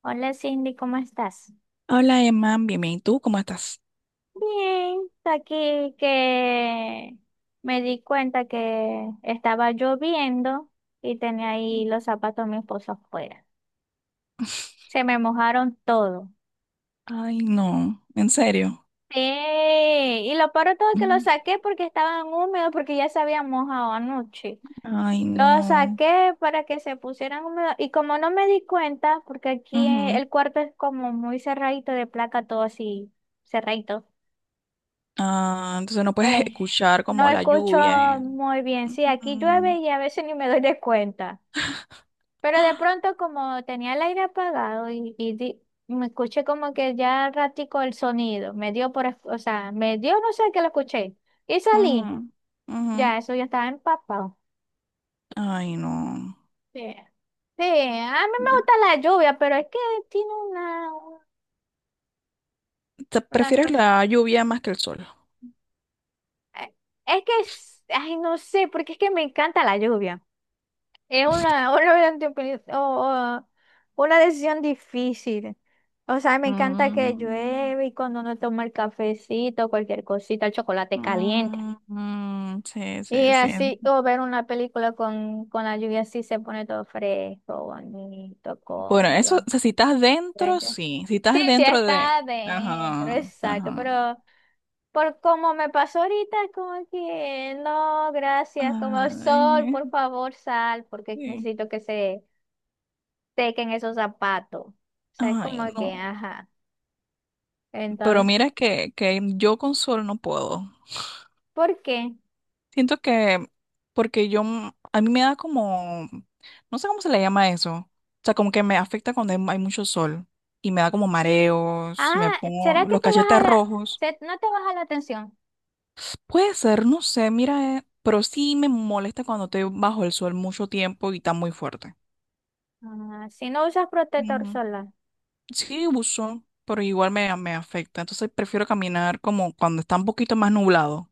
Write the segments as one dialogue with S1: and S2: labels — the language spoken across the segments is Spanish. S1: Hola Cindy, ¿cómo estás?
S2: Hola Emma, bien, bien. ¿Y tú cómo estás?
S1: Bien, aquí que me di cuenta que estaba lloviendo y tenía ahí los zapatos de mi esposo afuera. Se me mojaron todo.
S2: Ay, no, en serio.
S1: Sí, y lo peor de todo es que los
S2: Mm.
S1: saqué porque estaban húmedos, porque ya se habían mojado anoche.
S2: Ay,
S1: Los
S2: no.
S1: saqué para que se pusieran húmedos y como no me di cuenta, porque aquí
S2: Ujú.
S1: el cuarto es como muy cerradito de placa, todo así cerradito.
S2: Ah, entonces no puedes
S1: Eh,
S2: escuchar
S1: no
S2: como la
S1: escucho
S2: lluvia,
S1: muy bien. Sí, aquí llueve
S2: Ujú,
S1: y a veces ni me doy de cuenta. Pero de pronto, como tenía el aire apagado y me escuché como que ya ratico el sonido, me dio por, o sea, me dio, no sé qué lo escuché. Y
S2: ujú,
S1: salí.
S2: ujú.
S1: Ya, eso ya estaba empapado.
S2: Ay, no.
S1: Sí. Sí, a mí me gusta la lluvia, pero es que tiene una,
S2: ¿Te-
S1: una
S2: prefieres
S1: cosa.
S2: la lluvia más que el sol?
S1: eh, Es que, ay, no sé, porque es que me encanta la lluvia. Es una, una, o una decisión difícil. O sea, me encanta que
S2: Mm,
S1: llueve y cuando uno toma el cafecito, cualquier cosita, el chocolate caliente.
S2: mm, mm, sí,
S1: Y
S2: sí, sí.
S1: así, o ver una película con la lluvia así se pone todo fresco, bonito,
S2: Bueno, eso,
S1: cómodo.
S2: o sea, si estás dentro,
S1: Bello.
S2: sí. Si
S1: Sí,
S2: estás
S1: sí,
S2: dentro
S1: está
S2: de...
S1: adentro,
S2: Ajá,
S1: exacto,
S2: ajá.
S1: pero por como me pasó ahorita, es como que no, gracias, como sol,
S2: Ay,
S1: por favor, sal, porque
S2: sí.
S1: necesito que se teca en esos zapatos. O sea, es
S2: Ay,
S1: como que,
S2: no.
S1: ajá.
S2: Pero
S1: Entonces,
S2: mira que yo con sol no puedo.
S1: ¿por qué?
S2: Siento que, porque yo, a mí me da como, no sé cómo se le llama eso. O sea, como que me afecta cuando hay mucho sol y me da como mareos, me
S1: Ah, ¿será
S2: pongo
S1: que
S2: los
S1: te baja
S2: cachetes
S1: la,
S2: rojos.
S1: no te baja la tensión?
S2: Puede ser, no sé, mira, pero sí me molesta cuando estoy bajo el sol mucho tiempo y está muy fuerte.
S1: Ah, si no usas protector
S2: Ujú.
S1: solar.
S2: Sí, uso, pero igual me, me afecta. Entonces prefiero caminar como cuando está un poquito más nublado.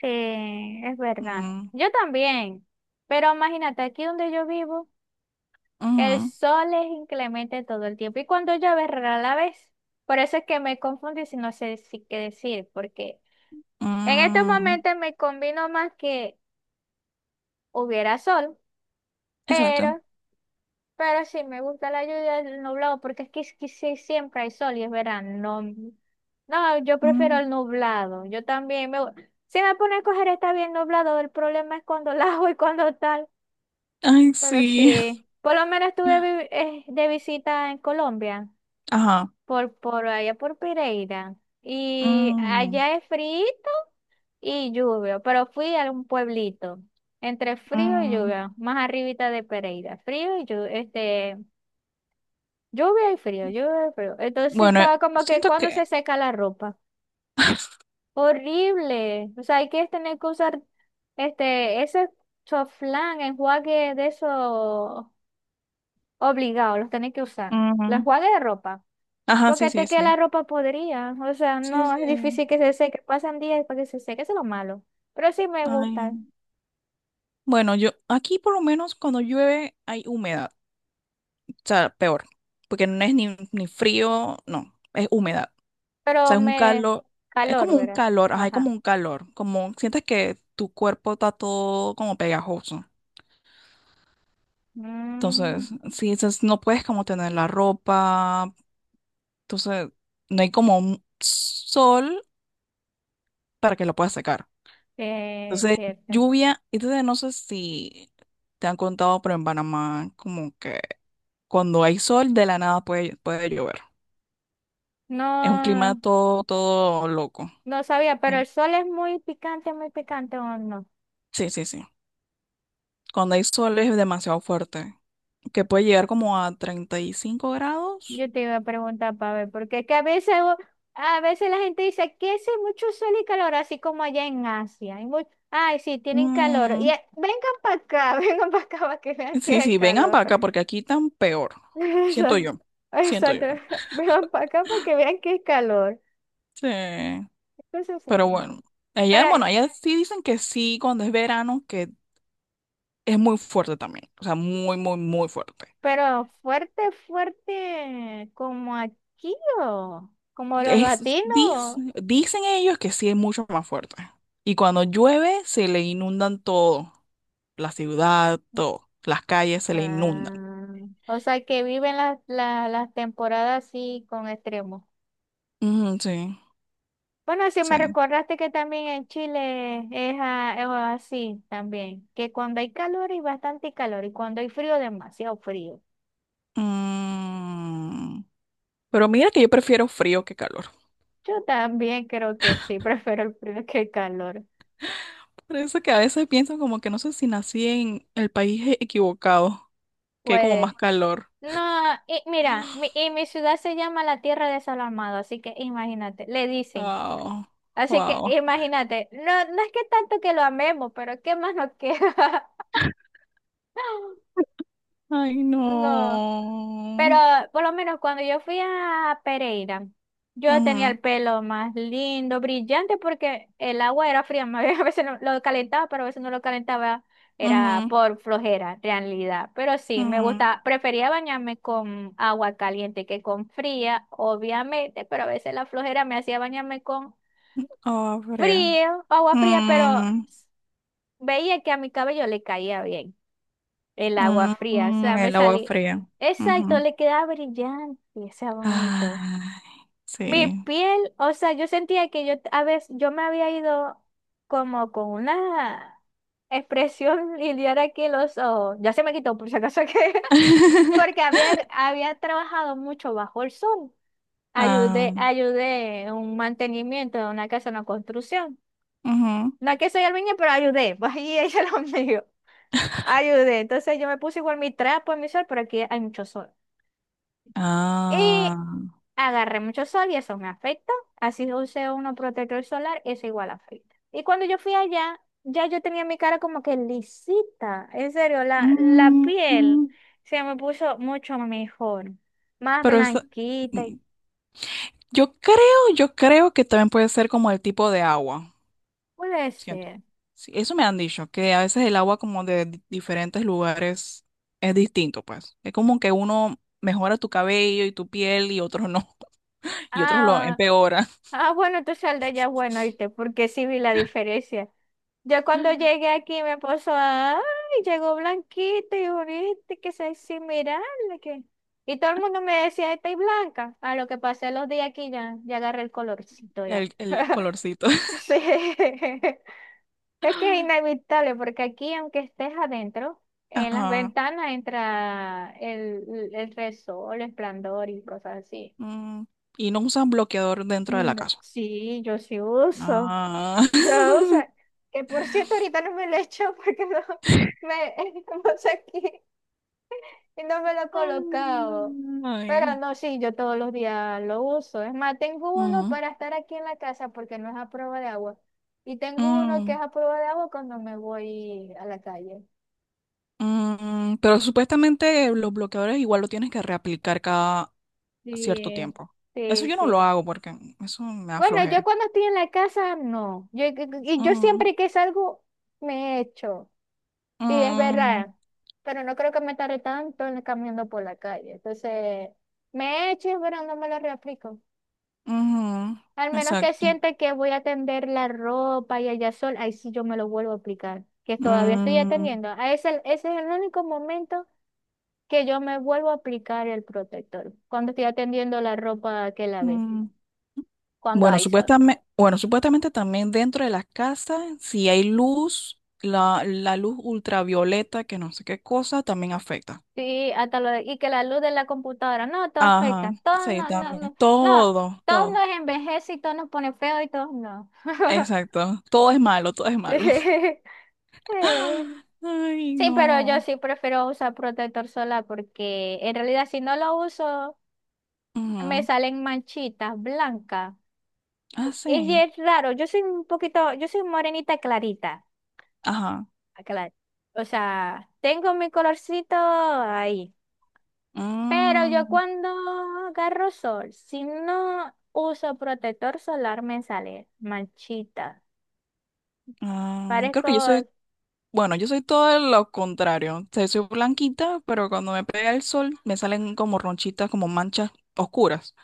S1: Sí, es verdad.
S2: Ujú,
S1: Yo también. Pero imagínate, aquí donde yo vivo, el
S2: ujú.
S1: sol es inclemente todo el tiempo. Y cuando llueve, rara la vez. Por eso es que me confundo y si no sé si qué decir, porque en estos
S2: Mm,
S1: momentos me combino más que hubiera sol,
S2: exacto.
S1: pero Pero sí, me gusta la lluvia del nublado porque es que sí, siempre hay sol y es verano. No, no, yo prefiero el
S2: Mm,
S1: nublado. Yo también si me pone a coger está bien nublado, el problema es cuando la hago y cuando tal.
S2: ay,
S1: Pero
S2: sí.
S1: sí, por lo menos estuve de visita en Colombia,
S2: Ajá.
S1: por allá por Pereira. Y
S2: Mm,
S1: allá es frío y lluvia, pero fui a un pueblito, entre frío y
S2: mm.
S1: lluvia, más arribita de Pereira. Frío y lluvia, lluvia y frío, lluvia y frío. Entonces
S2: Bueno,
S1: estaba como que
S2: siento
S1: cuando se
S2: que...
S1: seca la ropa. Horrible. O sea, hay que tener que usar ese choflán, enjuague de eso obligado, los tenés que usar. Los
S2: Mm,
S1: enjuague de ropa.
S2: ajá, sí,
S1: Porque
S2: sí,
S1: te queda la
S2: sí.
S1: ropa podrida. O sea,
S2: Sí,
S1: no,
S2: sí.
S1: es difícil que se seque. Pasan días para que se seque, eso es lo malo. Pero sí me gusta.
S2: Ay. Bueno, yo aquí por lo menos cuando llueve hay humedad. O sea, peor. Porque no es ni, ni frío, no, es humedad. O
S1: Pero
S2: sea, es un
S1: me
S2: calor. Es
S1: calor,
S2: como un
S1: ¿verdad?
S2: calor, ajá, es como
S1: Ajá.
S2: un calor. Como sientes que tu cuerpo está todo como pegajoso.
S1: Mm,
S2: Entonces, sí, entonces no puedes como tener la ropa. Entonces, no hay como un sol para que lo pueda secar. Entonces,
S1: Cierto.
S2: lluvia. Entonces, no sé si te han contado, pero en Panamá, como que cuando hay sol, de la nada puede, puede llover. Es un clima
S1: No.
S2: todo, todo loco.
S1: No sabía, pero
S2: Em,
S1: el sol es muy picante o no.
S2: Sí, sí, sí. Cuando hay sol es demasiado fuerte, que puede llegar como a 35 grados.
S1: Yo te iba a preguntar para ver, porque es que a veces, a veces la gente dice que hace mucho sol y calor, así como allá en Asia. Ay, sí, tienen calor. Y
S2: Mm,
S1: vengan para acá, vengan para acá para que vean que
S2: sí,
S1: es el
S2: sí, vengan
S1: calor.
S2: para acá, porque aquí tan peor. Siento
S1: Exacto.
S2: yo. Siento yo.
S1: Exacto. Vengan para acá para que vean que es calor.
S2: Sí.
S1: Entonces
S2: Pero
S1: sí.
S2: bueno,
S1: Pero,
S2: allá sí dicen que sí, cuando es verano, que es muy fuerte también. O sea, muy, muy, muy fuerte.
S1: pero fuerte, fuerte, como aquí o como los
S2: Es,
S1: latinos.
S2: dicen, dicen ellos que sí es mucho más fuerte. Y cuando llueve, se le inundan todo. La ciudad, todo. Las calles se le inundan.
S1: Ah, o sea que viven las temporadas así con extremos.
S2: Ujú, sí,
S1: Bueno, si me
S2: sí.
S1: recordaste que también en Chile es así también, que cuando hay calor hay bastante calor y cuando hay frío demasiado frío.
S2: Mm, pero mira que yo prefiero frío que calor.
S1: Yo también creo que sí, prefiero el frío que el calor.
S2: Por eso que a veces pienso como que no sé si nací en el país equivocado, que hay como más
S1: Puede.
S2: calor.
S1: No, y mira, y mi ciudad se llama la Tierra de Sol Amado, así que imagínate, le dicen.
S2: Wow,
S1: Así que
S2: wow.
S1: imagínate, no, no es que tanto que lo amemos, pero ¿qué más nos queda?
S2: Ay,
S1: No, pero
S2: no.
S1: por lo menos cuando yo fui a Pereira, yo tenía
S2: Ujú,
S1: el pelo más lindo, brillante, porque el agua era fría, más bien, a veces lo calentaba, pero a veces no lo calentaba, era
S2: ujú,
S1: por flojera, realidad. Pero sí, me
S2: ujú.
S1: gustaba, prefería bañarme con agua caliente que con fría, obviamente, pero a veces la flojera me hacía bañarme con
S2: Agua fría.
S1: frío, agua fría, pero
S2: Mm,
S1: veía que a mi cabello le caía bien. El agua
S2: mm,
S1: fría, o
S2: mm,
S1: sea, me
S2: el agua
S1: salí.
S2: fría.
S1: Exacto,
S2: Ujú.
S1: le quedaba brillante, o sea, bonito.
S2: Ay,
S1: Mi
S2: sí.
S1: piel, o sea, yo sentía que yo a veces yo me había ido como con una expresión y de ahora que los ojos. Ya se me quitó, por si acaso que. Porque había trabajado mucho bajo el sol. Ayudé,
S2: Ah,
S1: ayudé en un mantenimiento de una casa, una construcción.
S2: ujú.
S1: No es que soy albañil, pero ayudé. Pues ahí ella lo mío. Ayudé. Entonces yo me puse igual mi trapo en mi sol, pero aquí hay mucho sol. Y
S2: Ah.
S1: agarré mucho sol y eso me afecta. Así que usé uno protector solar, eso igual afecta. Y cuando yo fui allá, ya yo tenía mi cara como que lisita. En serio, la
S2: Mm,
S1: piel
S2: mm.
S1: se me puso mucho mejor. Más
S2: Pero es-
S1: blanquita y
S2: mm, yo creo, yo creo que también puede ser como el tipo de agua.
S1: puede
S2: Siento.
S1: ser.
S2: Sí, eso me han dicho, que a veces el agua como de diferentes lugares es distinto, pues. Es como que uno mejora tu cabello y tu piel y otros no, y otros lo
S1: Ah,
S2: empeora.
S1: ah, bueno, tú sal de allá, bueno, ¿viste? Porque sí vi la diferencia. Yo cuando llegué aquí me puso, ay, llegó Blanquita y bonita, que sexy, mirarle que... Y todo el mundo me decía, estáis blanca. A lo que pasé los días aquí ya, agarré el colorcito ya.
S2: El colorcito.
S1: Sí. Es que es inevitable, porque aquí, aunque estés adentro, en las
S2: Ajá.
S1: ventanas entra el resol, el esplendor y cosas así.
S2: Mm, y no usan bloqueador dentro de la
S1: Mm,
S2: casa.
S1: sí, yo sí uso.
S2: Ah.
S1: Yo, o sea, que por cierto ahorita no me lo he hecho porque no me estamos aquí y no me lo he colocado.
S2: Ay.
S1: Pero no, sí, yo todos los días lo uso. Es más, tengo uno
S2: Ujú.
S1: para estar aquí en la casa porque no es a prueba de agua. Y tengo uno que es
S2: Mm,
S1: a prueba de agua cuando me voy a la calle.
S2: mm, mm, pero supuestamente los bloqueadores igual lo tienes que reaplicar cada cierto
S1: Sí,
S2: tiempo. Eso
S1: sí,
S2: yo no lo
S1: sí.
S2: hago porque eso me da
S1: Bueno, yo
S2: flojera.
S1: cuando estoy en la casa, no. Y yo
S2: Ujú,
S1: siempre que salgo, me echo. Sí, es
S2: mm,
S1: verdad, pero no creo que me tarde tanto caminando por la calle. Entonces, me he hecho, pero no me lo reaplico.
S2: ujú,
S1: Al menos que
S2: exacto.
S1: siente que voy a tender la ropa y allá sol, ahí sí yo me lo vuelvo a aplicar, que todavía estoy
S2: Mm,
S1: atendiendo. Ese es el único momento que yo me vuelvo a aplicar el protector, cuando estoy atendiendo la ropa que lavé,
S2: mm.
S1: cuando hay sol.
S2: Bueno, supuestamente también dentro de las casas, si hay luz, la luz ultravioleta, que no sé qué cosa, también afecta.
S1: Sí, hasta y que la luz de la computadora, no, todo
S2: Ajá,
S1: afecta, todo
S2: sí,
S1: no, no,
S2: también.
S1: no, no,
S2: Todo,
S1: todo
S2: todo.
S1: nos envejece y todo nos pone feo y todo no.
S2: Exacto. Todo es malo, todo es malo.
S1: Sí,
S2: Ay,
S1: sí, pero yo
S2: no.
S1: sí prefiero usar protector solar porque en realidad si no lo uso me
S2: Ujú.
S1: salen manchitas blancas.
S2: Ah,
S1: Y
S2: sí.
S1: es raro, yo soy un poquito, yo soy morenita clarita,
S2: Ajá.
S1: aclar- o sea, tengo mi colorcito ahí. Pero yo
S2: Mm.
S1: cuando agarro sol, si no uso protector solar, me sale manchita.
S2: Ah, creo
S1: Parezco,
S2: que yo soy, bueno, yo soy todo lo contrario. O sea, soy blanquita, pero cuando me pega el sol me salen como ronchitas, como manchas oscuras.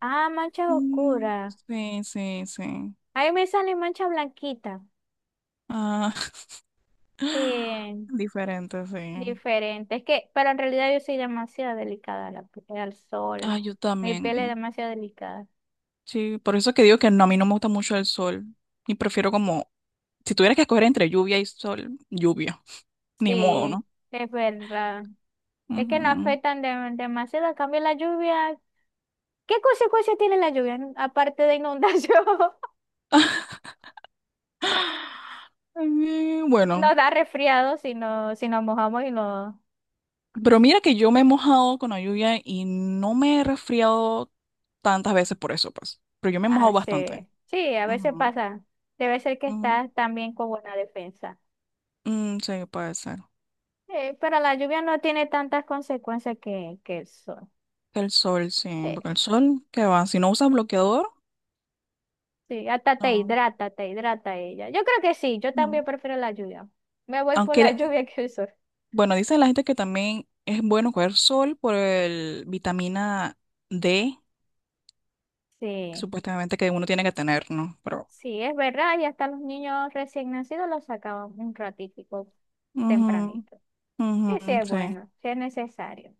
S1: mancha
S2: Mm,
S1: oscura.
S2: sí, sí, sí.
S1: Ahí me sale mancha blanquita.
S2: Ah,
S1: Sí,
S2: diferente, sí.
S1: diferente. Es que, pero en realidad yo soy demasiado delicada a al sol.
S2: Ah, yo
S1: Mi piel es
S2: también.
S1: demasiado delicada.
S2: Sí, por eso que digo que no, a mí no me gusta mucho el sol. Y prefiero como, si tuvieras que escoger entre lluvia y sol, lluvia. Ni modo,
S1: Sí,
S2: ¿no?
S1: es verdad. Es que no
S2: Ujú.
S1: afectan demasiado. En cambio, la lluvia. ¿Qué consecuencias tiene la lluvia? Aparte de inundación.
S2: Bueno.
S1: Nos da resfriado si, no, si nos mojamos y nos
S2: Pero mira que yo me he mojado con la lluvia y no me he resfriado tantas veces por eso, pues. Pero yo me he mojado bastante.
S1: hace. Sí, a veces
S2: Ujú,
S1: pasa. Debe ser que
S2: ujú.
S1: estás también con buena defensa.
S2: Mm, sí, puede ser.
S1: Sí, pero la lluvia no tiene tantas consecuencias que el sol.
S2: Que el sol, sí,
S1: Sí,
S2: porque el sol, ¿qué va? Si no usas bloqueador,
S1: sí, hasta
S2: no.
S1: te hidrata ella. Yo creo que sí, yo
S2: Mm.
S1: también prefiero la lluvia. Me voy por la
S2: Aunque,
S1: lluvia que el sol.
S2: bueno, dice la gente que también es bueno coger sol por el vitamina D,
S1: Sí,
S2: supuestamente que uno tiene que tener, ¿no? Pero,
S1: sí, es verdad. Y hasta los niños recién nacidos los sacaban un ratitico
S2: ujú,
S1: tempranito.
S2: ujú,
S1: Que sí es
S2: sí,
S1: bueno, sí es necesario,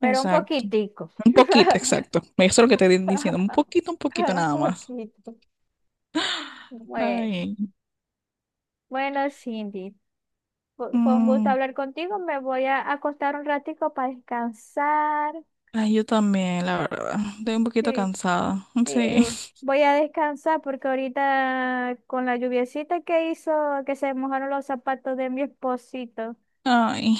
S1: pero un
S2: exacto.
S1: poquitico.
S2: Un poquito, exacto. Eso es lo que te estoy diciendo, un poquito
S1: Un
S2: nada más.
S1: poquito. Bueno,
S2: Ay,
S1: bueno, Cindy, fue un gusto
S2: mm,
S1: hablar contigo. Me voy a acostar un ratico para descansar.
S2: ay, yo también, la verdad. Estoy un poquito
S1: Sí,
S2: cansada.
S1: sí,
S2: Sí.
S1: voy a descansar porque ahorita con la lluviecita que hizo, que se mojaron los zapatos de mi esposito,
S2: Ay,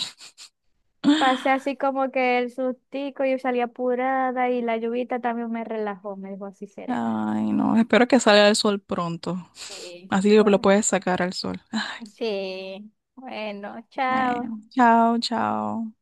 S1: pasé así como que el sustico, yo salí apurada y la lluvita también me relajó, me dejó así serena.
S2: ay, no. Espero que salga el sol pronto.
S1: Sí.
S2: Así lo
S1: Bueno,
S2: puedes sacar al sol.
S1: sí, bueno, chao.
S2: Bueno, chao, chao.